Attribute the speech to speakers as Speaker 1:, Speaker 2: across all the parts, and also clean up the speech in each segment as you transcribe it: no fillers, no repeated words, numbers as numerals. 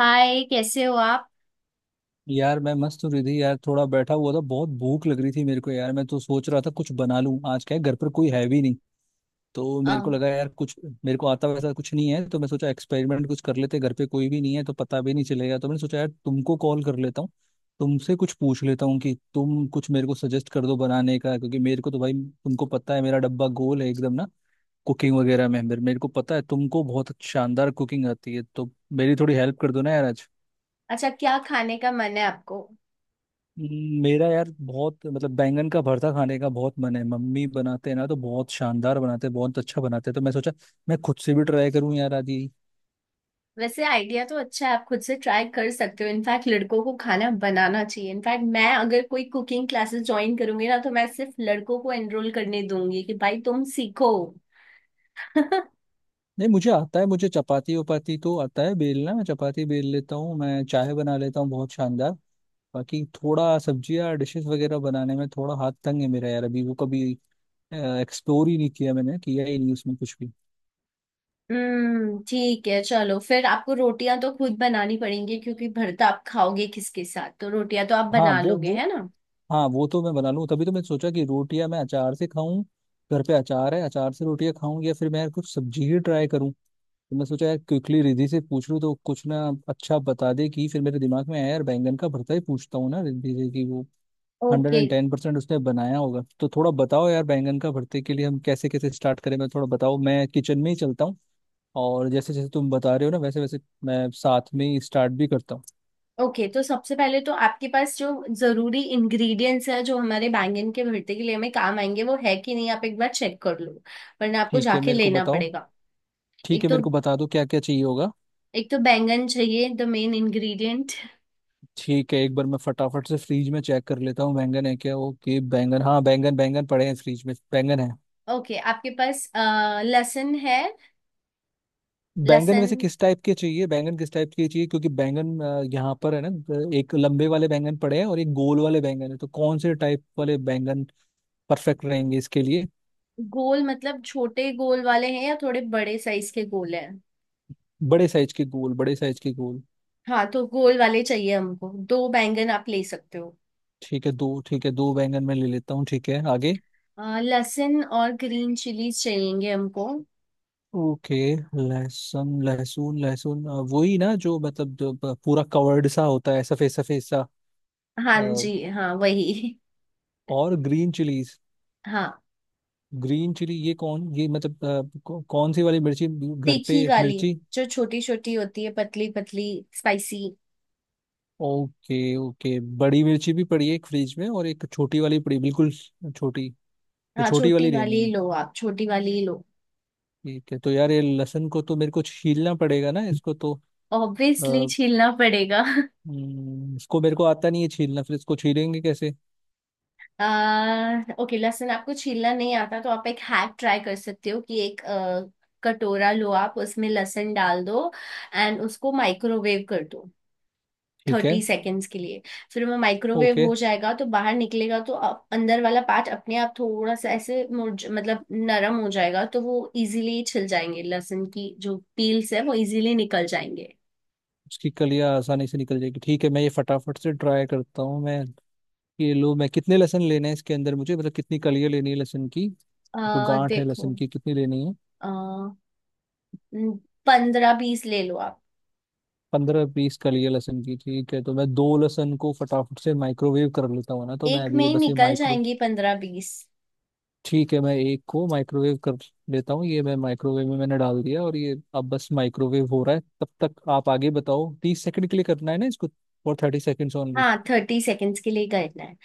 Speaker 1: हाय, कैसे हो आप?
Speaker 2: यार मैं मस्त हूँ रिधि। यार थोड़ा बैठा हुआ था, बहुत भूख लग रही थी मेरे को। यार मैं तो सोच रहा था कुछ बना लूं, आज क्या है, घर पर कोई है भी नहीं। तो
Speaker 1: अ,
Speaker 2: मेरे को लगा यार कुछ, मेरे को आता वैसा कुछ नहीं है, तो मैं सोचा एक्सपेरिमेंट कुछ कर लेते। घर पे कोई भी नहीं है तो पता भी नहीं चलेगा, तो मैंने सोचा यार तुमको कॉल कर लेता हूँ, तुमसे कुछ पूछ लेता हूँ कि तुम कुछ मेरे को सजेस्ट कर दो बनाने का। क्योंकि मेरे को तो, भाई, तुमको पता है, मेरा डब्बा गोल है एकदम, ना कुकिंग वगैरह में। मेरे मेरे को पता है तुमको बहुत शानदार कुकिंग आती है, तो मेरी थोड़ी हेल्प कर दो ना यार आज।
Speaker 1: अच्छा, क्या खाने का मन है आपको?
Speaker 2: मेरा यार बहुत, मतलब, बैंगन का भरता खाने का बहुत मन है। मम्मी बनाते हैं ना तो बहुत शानदार बनाते हैं, बहुत अच्छा बनाते हैं, तो मैं सोचा मैं खुद से भी ट्राई करूं यार आज ही।
Speaker 1: वैसे आइडिया तो अच्छा है। आप खुद से ट्राई कर सकते हो। इनफैक्ट लड़कों को खाना बनाना चाहिए। इनफैक्ट मैं अगर कोई कुकिंग क्लासेस ज्वाइन करूंगी ना तो मैं सिर्फ लड़कों को एनरोल करने दूंगी कि भाई तुम सीखो।
Speaker 2: नहीं, मुझे आता है, मुझे चपाती वपाती तो आता है बेलना, मैं चपाती बेल लेता हूँ, मैं चाय बना लेता हूँ बहुत शानदार। बाकी थोड़ा सब्जियाँ डिशेस वगैरह बनाने में थोड़ा हाथ तंग है मेरा यार, अभी वो कभी एक्सप्लोर ही नहीं किया, मैंने किया ही नहीं उसमें कुछ भी।
Speaker 1: ठीक है, चलो फिर आपको रोटियां तो खुद बनानी पड़ेंगी, क्योंकि भरता आप खाओगे किसके साथ? तो रोटियां तो आप
Speaker 2: हाँ
Speaker 1: बना
Speaker 2: वो
Speaker 1: लोगे
Speaker 2: वो
Speaker 1: है ना?
Speaker 2: हाँ वो तो मैं बना लूँ, तभी तो मैं सोचा कि रोटियां मैं अचार से खाऊं, घर पे अचार है, अचार से रोटियां खाऊं, या फिर मैं यार कुछ सब्जी ही ट्राई करूं। तो मैं सोचा यार क्विकली रिद्धि से पूछ लूं तो कुछ ना अच्छा बता दे। कि फिर मेरे दिमाग में आया यार बैंगन का भरता ही पूछता हूँ ना रिद्धि से, कि वो hundred
Speaker 1: okay.
Speaker 2: And ten percent उसने बनाया होगा। तो थोड़ा बताओ यार बैंगन का भरते के लिए हम कैसे कैसे स्टार्ट करें। मैं थोड़ा बताओ, मैं किचन में ही चलता हूँ, और जैसे जैसे तुम बता रहे हो ना वैसे वैसे मैं साथ में ही स्टार्ट भी करता हूँ।
Speaker 1: ओके, तो सबसे पहले तो आपके पास जो जरूरी इंग्रेडिएंट्स है जो हमारे बैंगन के भरते के लिए हमें काम आएंगे वो है कि नहीं आप एक बार चेक कर लो, वरना आपको
Speaker 2: ठीक है
Speaker 1: जाके
Speaker 2: मेरे को
Speaker 1: लेना
Speaker 2: बताओ।
Speaker 1: पड़ेगा।
Speaker 2: ठीक
Speaker 1: एक
Speaker 2: है
Speaker 1: तो
Speaker 2: मेरे को बता दो क्या क्या चाहिए होगा।
Speaker 1: एक तो बैंगन चाहिए, द मेन इंग्रेडिएंट।
Speaker 2: ठीक है, एक बार मैं फटाफट से फ्रीज में चेक कर लेता हूँ बैंगन है क्या। ओके बैंगन, हाँ बैंगन, बैंगन पड़े हैं फ्रीज में, बैंगन है।
Speaker 1: ओके, आपके पास लहसुन है?
Speaker 2: बैंगन
Speaker 1: लहसुन?
Speaker 2: वैसे किस टाइप के चाहिए, बैंगन किस टाइप के चाहिए? क्योंकि बैंगन यहाँ पर है ना, एक लंबे वाले बैंगन पड़े हैं और एक गोल वाले बैंगन है, तो कौन से टाइप वाले बैंगन परफेक्ट रहेंगे इसके लिए?
Speaker 1: गोल मतलब छोटे गोल वाले हैं या थोड़े बड़े साइज के गोल हैं?
Speaker 2: बड़े साइज के गोल, बड़े साइज के गोल।
Speaker 1: हाँ तो गोल वाले चाहिए हमको, दो बैंगन आप ले सकते हो।
Speaker 2: ठीक है दो, ठीक है दो बैंगन मैं ले लेता हूँ। ठीक है आगे।
Speaker 1: लहसुन और ग्रीन चिलीज चाहिएंगे हमको।
Speaker 2: ओके। लहसुन लहसुन लहसुन वही ना, जो, मतलब जो पूरा कवर्ड सा होता है, सफेद सफेद
Speaker 1: हाँ जी,
Speaker 2: सा।
Speaker 1: हाँ वही।
Speaker 2: और ग्रीन चिलीज,
Speaker 1: हाँ,
Speaker 2: ग्रीन चिली, ये कौन, ये मतलब कौन सी वाली मिर्ची? घर
Speaker 1: तीखी
Speaker 2: पे
Speaker 1: वाली।
Speaker 2: मिर्ची?
Speaker 1: जो छोटी छोटी होती है, पतली पतली। स्पाइसी।
Speaker 2: ओके ओके, बड़ी मिर्ची भी पड़ी है एक फ्रिज में और एक छोटी वाली पड़ी, बिल्कुल छोटी। तो
Speaker 1: हाँ,
Speaker 2: छोटी
Speaker 1: छोटी
Speaker 2: वाली
Speaker 1: वाली
Speaker 2: लेनी
Speaker 1: ही
Speaker 2: है।
Speaker 1: लो, आप छोटी वाली ही लो।
Speaker 2: ठीक है, तो यार ये लहसुन को तो मेरे को छीलना पड़ेगा ना इसको तो।
Speaker 1: ऑब्वियसली
Speaker 2: अ,
Speaker 1: छीलना पड़ेगा।
Speaker 2: इसको मेरे को आता नहीं है छीलना, फिर इसको छीलेंगे कैसे?
Speaker 1: आ, ओके, लहसुन आपको छीलना नहीं आता तो आप एक हैक ट्राई कर सकते हो कि एक कटोरा लो, आप उसमें लहसुन डाल दो, एंड उसको माइक्रोवेव कर दो
Speaker 2: ठीक
Speaker 1: थर्टी
Speaker 2: है।
Speaker 1: सेकेंड्स के लिए। फिर वो माइक्रोवेव
Speaker 2: ओके।
Speaker 1: हो जाएगा तो बाहर निकलेगा तो अंदर वाला पार्ट अपने आप थोड़ा सा ऐसे मुरझ मतलब नरम हो जाएगा, तो वो इजीली छिल जाएंगे, लहसुन की जो पील्स है वो इजीली निकल जाएंगे।
Speaker 2: उसकी कलियां आसानी से निकल जाएगी, ठीक है, मैं ये फटाफट से ट्राई करता हूँ। मैं ये लो, मैं कितने लेसन लेने हैं इसके अंदर मुझे, मतलब कितनी कलियां लेनी है लहसुन की, जो गांठ है
Speaker 1: देखो,
Speaker 2: लहसुन की कितनी लेनी है?
Speaker 1: अ पंद्रह बीस ले लो आप।
Speaker 2: 15-20 कलियां लहसुन की, ठीक है, तो मैं दो लहसुन को फटाफट से माइक्रोवेव कर लेता हूँ ना, तो मैं
Speaker 1: एक
Speaker 2: अभी
Speaker 1: में
Speaker 2: ये
Speaker 1: ही
Speaker 2: बस ये
Speaker 1: निकल
Speaker 2: माइक्रो
Speaker 1: जाएंगी 15-20।
Speaker 2: ठीक है मैं एक को माइक्रोवेव कर लेता हूँ। ये मैं माइक्रोवेव में मैंने डाल दिया, और ये अब बस माइक्रोवेव हो रहा है, तब तक आप आगे बताओ। 30 सेकंड के लिए करना है ना इसको, और 30 सेकेंड्स ओनली?
Speaker 1: हाँ, 30 सेकेंड्स के लिए करना है।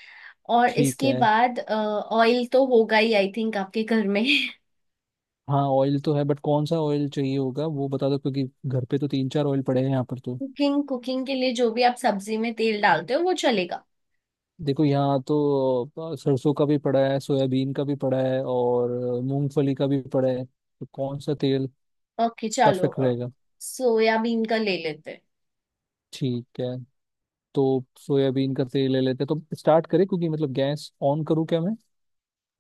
Speaker 1: और
Speaker 2: ठीक
Speaker 1: इसके
Speaker 2: है।
Speaker 1: बाद ऑयल तो होगा ही, आई थिंक, आपके घर में।
Speaker 2: हाँ ऑयल तो है, बट कौन सा ऑयल चाहिए होगा वो बता दो, क्योंकि घर पे तो तीन चार ऑयल पड़े हैं यहाँ पर, तो
Speaker 1: कुकिंग कुकिंग के लिए जो भी आप सब्जी में तेल डालते हो वो चलेगा।
Speaker 2: देखो यहाँ तो सरसों का भी पड़ा है, सोयाबीन का भी पड़ा है, और मूंगफली का भी पड़ा है, तो कौन सा तेल
Speaker 1: ओके, चलो
Speaker 2: परफेक्ट
Speaker 1: अब
Speaker 2: रहेगा?
Speaker 1: सोयाबीन का ले लेते हैं।
Speaker 2: ठीक है, तो सोयाबीन का तेल ले लेते हैं, तो स्टार्ट करें, क्योंकि, मतलब, गैस ऑन करूँ क्या मैं?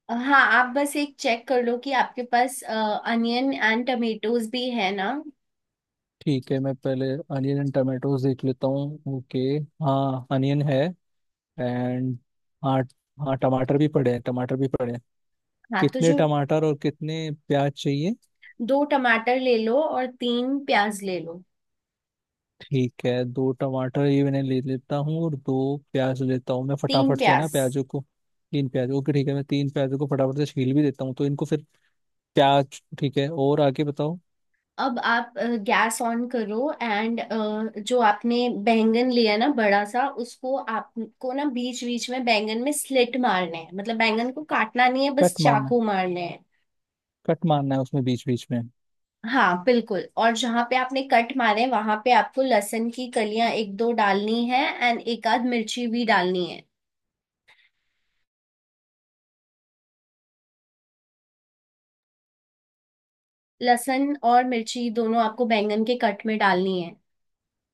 Speaker 1: हाँ, आप बस एक चेक कर लो कि आपके पास अनियन एंड टमेटोज भी है ना।
Speaker 2: ठीक है मैं पहले अनियन एंड टमाटोज देख लेता हूँ। ओके, हाँ अनियन है, एंड हाँ, हाँ टमाटर भी पड़े हैं, टमाटर भी पड़े हैं।
Speaker 1: हाँ तो
Speaker 2: कितने
Speaker 1: जो,
Speaker 2: टमाटर और कितने प्याज चाहिए?
Speaker 1: दो टमाटर ले लो और तीन प्याज ले लो।
Speaker 2: ठीक है, दो टमाटर ये मैंने ले लेता हूँ, और दो प्याज लेता हूँ मैं
Speaker 1: तीन
Speaker 2: फटाफट से, है ना,
Speaker 1: प्याज।
Speaker 2: प्याजों को। तीन प्याज, ओके। ठीक है, मैं तीन प्याजों को फटाफट से छील भी देता हूँ तो इनको फिर प्याज। ठीक है और आगे बताओ।
Speaker 1: अब आप गैस ऑन करो, एंड जो आपने बैंगन लिया ना बड़ा सा, उसको आपको ना बीच बीच में बैंगन में स्लिट मारने हैं, मतलब बैंगन को काटना नहीं है, बस
Speaker 2: कट मारना
Speaker 1: चाकू
Speaker 2: है,
Speaker 1: मारने।
Speaker 2: कट मारना है उसमें बीच बीच में?
Speaker 1: हाँ बिल्कुल, और जहां पे आपने कट मारे वहां पे आपको लहसुन की कलियां एक दो डालनी है, एंड एक आध मिर्ची भी डालनी है। लहसुन और मिर्ची दोनों आपको बैंगन के कट में डालनी है।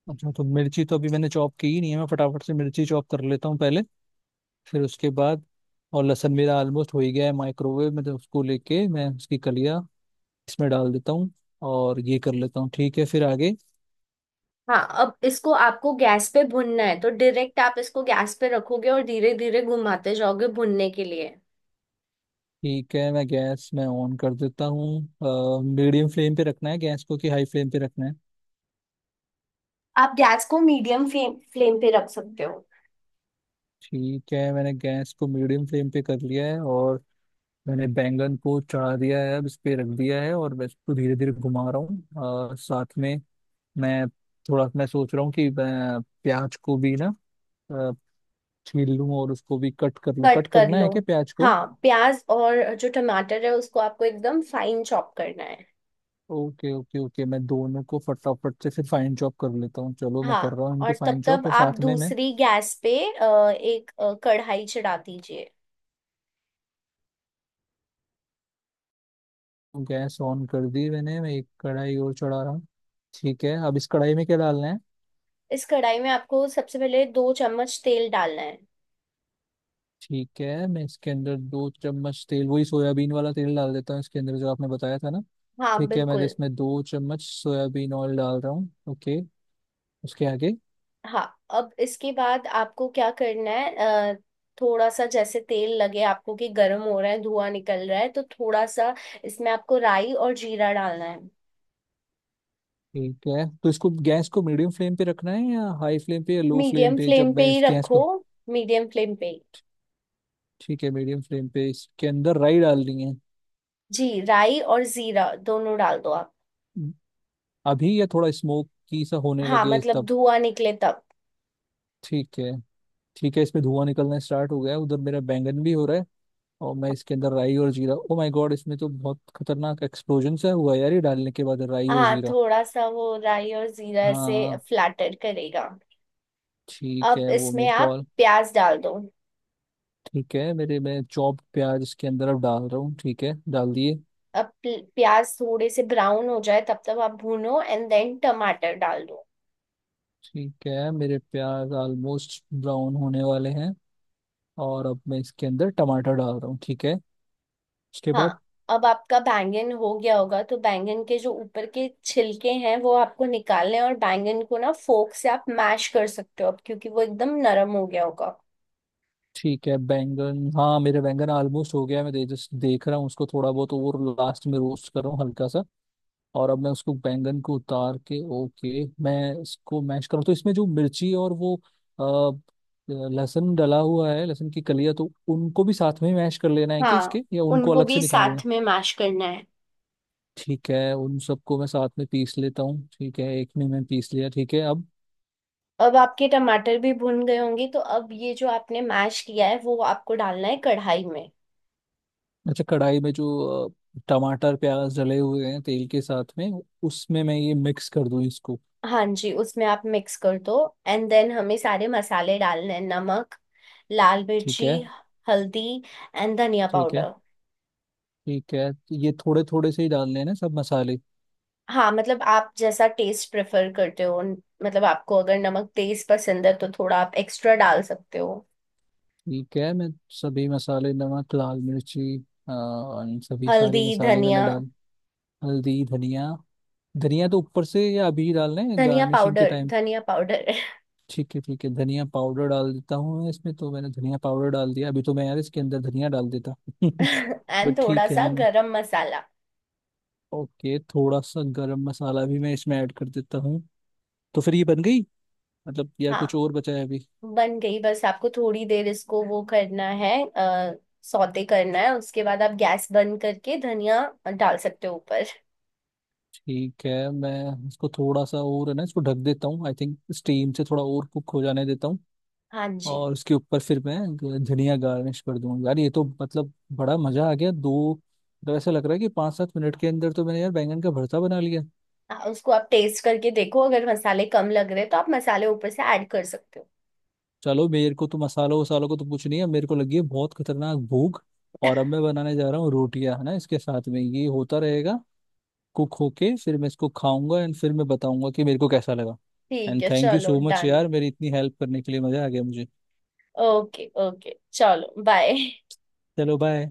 Speaker 2: अच्छा तो मिर्ची तो अभी मैंने चॉप की ही नहीं है, मैं फटाफट से मिर्ची चॉप कर लेता हूँ पहले, फिर उसके बाद। और लहसुन मेरा ऑलमोस्ट हो ही गया है माइक्रोवेव में, तो उसको लेके मैं उसकी कलियाँ इसमें डाल देता हूँ और ये कर लेता हूँ। ठीक है, फिर आगे।
Speaker 1: हाँ, अब इसको आपको गैस पे भुनना है, तो डायरेक्ट आप इसको गैस पे रखोगे और धीरे धीरे घुमाते जाओगे भुनने के लिए।
Speaker 2: ठीक है, मैं गैस मैं ऑन कर देता हूँ, मीडियम फ्लेम पे रखना है गैस को कि हाई फ्लेम पे रखना है?
Speaker 1: आप गैस को मीडियम फ्लेम फ्लेम पे रख सकते हो।
Speaker 2: ठीक है, मैंने गैस को मीडियम फ्लेम पे कर लिया है, और मैंने बैंगन को चढ़ा दिया है, अब इस पे रख दिया है, और मैं इसको धीरे धीरे घुमा रहा हूँ। साथ में मैं, थोड़ा मैं सोच रहा हूँ कि मैं प्याज को भी ना अ, छील लूँ और उसको भी कट कर लूँ।
Speaker 1: कट
Speaker 2: कट
Speaker 1: कर
Speaker 2: करना
Speaker 1: लो।
Speaker 2: है क्या प्याज को?
Speaker 1: हाँ, प्याज और जो टमाटर है उसको आपको एकदम फाइन चॉप करना है।
Speaker 2: ओके ओके ओके, मैं दोनों को फटाफट से फिर फाइन चॉप कर लेता हूँ, चलो मैं कर
Speaker 1: हाँ,
Speaker 2: रहा हूँ इनको
Speaker 1: और तब
Speaker 2: फाइन चॉप,
Speaker 1: तब
Speaker 2: और
Speaker 1: आप
Speaker 2: साथ में मैं
Speaker 1: दूसरी गैस पे एक कढ़ाई चढ़ा दीजिए।
Speaker 2: गैस ऑन कर दी मैंने, मैं एक कढ़ाई और चढ़ा रहा हूँ। ठीक है, अब इस कढ़ाई में क्या डालना है?
Speaker 1: इस कढ़ाई में आपको सबसे पहले 2 चम्मच तेल डालना है।
Speaker 2: ठीक है, मैं इसके अंदर 2 चम्मच तेल, वही सोयाबीन वाला तेल, डाल देता हूँ इसके अंदर, जो आपने बताया था ना।
Speaker 1: हाँ
Speaker 2: ठीक है मैं
Speaker 1: बिल्कुल।
Speaker 2: इसमें 2 चम्मच सोयाबीन ऑयल डाल रहा हूँ। ओके, उसके आगे?
Speaker 1: हाँ, अब इसके बाद आपको क्या करना है? अ, थोड़ा सा जैसे तेल लगे आपको कि गर्म हो रहा है, धुआं निकल रहा है, तो थोड़ा सा इसमें आपको राई और जीरा डालना है।
Speaker 2: ठीक है, तो इसको गैस को मीडियम फ्लेम पे रखना है, या हाई फ्लेम पे, या लो फ्लेम
Speaker 1: मीडियम
Speaker 2: पे,
Speaker 1: फ्लेम
Speaker 2: जब
Speaker 1: पे
Speaker 2: मैं
Speaker 1: ही
Speaker 2: इस गैस
Speaker 1: रखो,
Speaker 2: को?
Speaker 1: मीडियम फ्लेम पे ही।
Speaker 2: ठीक है, मीडियम फ्लेम पे इसके अंदर राई डालनी है
Speaker 1: जी, राई और जीरा दोनों डाल दो आप।
Speaker 2: अभी, या थोड़ा स्मोक की सा होने
Speaker 1: हाँ,
Speaker 2: लगे
Speaker 1: मतलब
Speaker 2: तब?
Speaker 1: धुआं निकले तब।
Speaker 2: ठीक है। ठीक है, इसमें धुआं निकलना स्टार्ट हो गया है। उधर मेरा बैंगन भी हो रहा है, और मैं इसके अंदर राई और जीरा, ओ माय गॉड, इसमें तो बहुत खतरनाक एक्सप्लोजन सा हुआ यार ये डालने के बाद राई और
Speaker 1: हाँ,
Speaker 2: जीरा।
Speaker 1: थोड़ा सा वो राई और जीरा से
Speaker 2: हाँ।
Speaker 1: फ्लैटर करेगा।
Speaker 2: ठीक
Speaker 1: अब
Speaker 2: है वो
Speaker 1: इसमें
Speaker 2: मेरे को।
Speaker 1: आप प्याज डाल दो।
Speaker 2: ठीक है, मेरे मैं चॉप प्याज इसके अंदर अब डाल रहा हूँ, ठीक है डाल दिए।
Speaker 1: अब प्याज थोड़े से ब्राउन हो जाए तब तक आप भूनो, एंड देन टमाटर डाल दो।
Speaker 2: ठीक है, मेरे प्याज ऑलमोस्ट ब्राउन होने वाले हैं, और अब मैं इसके अंदर टमाटर डाल रहा हूँ। ठीक है, उसके
Speaker 1: हाँ,
Speaker 2: बाद?
Speaker 1: अब आपका बैंगन हो गया होगा तो बैंगन के जो ऊपर के छिलके हैं वो आपको निकालने हैं और बैंगन को ना फोक से आप मैश कर सकते हो अब, क्योंकि वो एकदम नरम हो गया होगा।
Speaker 2: ठीक है, बैंगन, हाँ, मेरे बैंगन ऑलमोस्ट हो गया है, जस्ट देख रहा हूँ उसको थोड़ा बहुत, और लास्ट में रोस्ट कर रहा हूँ हल्का सा। और अब मैं उसको बैंगन को उतार के, ओके, मैं इसको मैश करूँ तो इसमें जो मिर्ची और वो अ, लहसुन डला हुआ है, लहसुन की कलियां, तो उनको भी साथ में ही मैश कर लेना है, कि
Speaker 1: हाँ,
Speaker 2: इसके या उनको
Speaker 1: उनको
Speaker 2: अलग से
Speaker 1: भी
Speaker 2: निकालना
Speaker 1: साथ
Speaker 2: है?
Speaker 1: में मैश करना है।
Speaker 2: ठीक है, उन सबको मैं साथ में पीस लेता हूँ, ठीक है एक में मैं पीस लिया। ठीक है अब।
Speaker 1: अब आपके टमाटर भी भुन गए होंगे, तो अब ये जो आपने मैश किया है वो आपको डालना है कढ़ाई में।
Speaker 2: अच्छा, कढ़ाई में जो टमाटर प्याज डले हुए हैं तेल के साथ में, उसमें मैं ये मिक्स कर दूँ इसको?
Speaker 1: हाँ जी, उसमें आप मिक्स कर दो, एंड देन हमें सारे मसाले डालने हैं, नमक, लाल
Speaker 2: ठीक
Speaker 1: मिर्ची,
Speaker 2: है।
Speaker 1: हल्दी, एंड धनिया
Speaker 2: ठीक है।
Speaker 1: पाउडर।
Speaker 2: ठीक है, ये थोड़े थोड़े से ही डाल लेना सब मसाले?
Speaker 1: हाँ, मतलब आप जैसा टेस्ट प्रेफर करते हो, मतलब आपको अगर नमक तेज पसंद है तो थोड़ा आप एक्स्ट्रा डाल सकते हो।
Speaker 2: ठीक है, मैं सभी मसाले, नमक, लाल मिर्ची, और सभी
Speaker 1: हल्दी,
Speaker 2: सारे मसाले
Speaker 1: धनिया।
Speaker 2: मैंने डाल। हल्दी धनिया, धनिया तो ऊपर से या अभी डालना है
Speaker 1: धनिया
Speaker 2: गार्निशिंग के
Speaker 1: पाउडर,
Speaker 2: टाइम?
Speaker 1: धनिया पाउडर।
Speaker 2: ठीक है। ठीक है, धनिया पाउडर डाल देता हूँ मैं इसमें, तो मैंने धनिया पाउडर डाल दिया अभी, तो मैं यार इसके अंदर धनिया डाल देता
Speaker 1: एंड
Speaker 2: बट
Speaker 1: थोड़ा
Speaker 2: ठीक है
Speaker 1: सा
Speaker 2: मैं।
Speaker 1: गरम मसाला।
Speaker 2: ओके, थोड़ा सा गरम मसाला भी मैं इसमें ऐड कर देता हूँ, तो फिर ये बन गई, मतलब, या कुछ
Speaker 1: हाँ,
Speaker 2: और बचा है अभी?
Speaker 1: बन गई, बस आपको थोड़ी देर इसको वो करना है, आ, सौते करना है, उसके बाद आप गैस बंद करके धनिया डाल सकते हो ऊपर।
Speaker 2: ठीक है, मैं इसको थोड़ा सा, और है ना इसको ढक देता हूँ, आई थिंक स्टीम से थोड़ा और कुक हो जाने देता हूँ।
Speaker 1: हाँ जी।
Speaker 2: और उसके ऊपर फिर मैं धनिया गार्निश कर दूंगा। यार ये तो, मतलब, बड़ा मजा आ गया। दो, मतलब, ऐसा लग रहा है कि 5-7 मिनट के अंदर तो मैंने यार बैंगन का भरता बना लिया।
Speaker 1: उसको आप टेस्ट करके देखो, अगर मसाले कम लग रहे तो आप मसाले ऊपर से ऐड कर सकते हो।
Speaker 2: चलो मेरे को तो मसालों वसालों को तो कुछ नहीं है, मेरे को लगी है बहुत खतरनाक भूख। और अब मैं बनाने जा रहा हूँ रोटियां, है ना, इसके साथ में ये होता रहेगा कुक होके, फिर मैं इसको खाऊंगा, एंड फिर मैं बताऊंगा कि मेरे को कैसा लगा।
Speaker 1: ठीक
Speaker 2: एंड
Speaker 1: है,
Speaker 2: थैंक यू
Speaker 1: चलो
Speaker 2: सो मच
Speaker 1: डन।
Speaker 2: यार, मेरी इतनी हेल्प करने के लिए, मजा आ गया मुझे।
Speaker 1: ओके, ओके, चलो बाय।
Speaker 2: चलो बाय।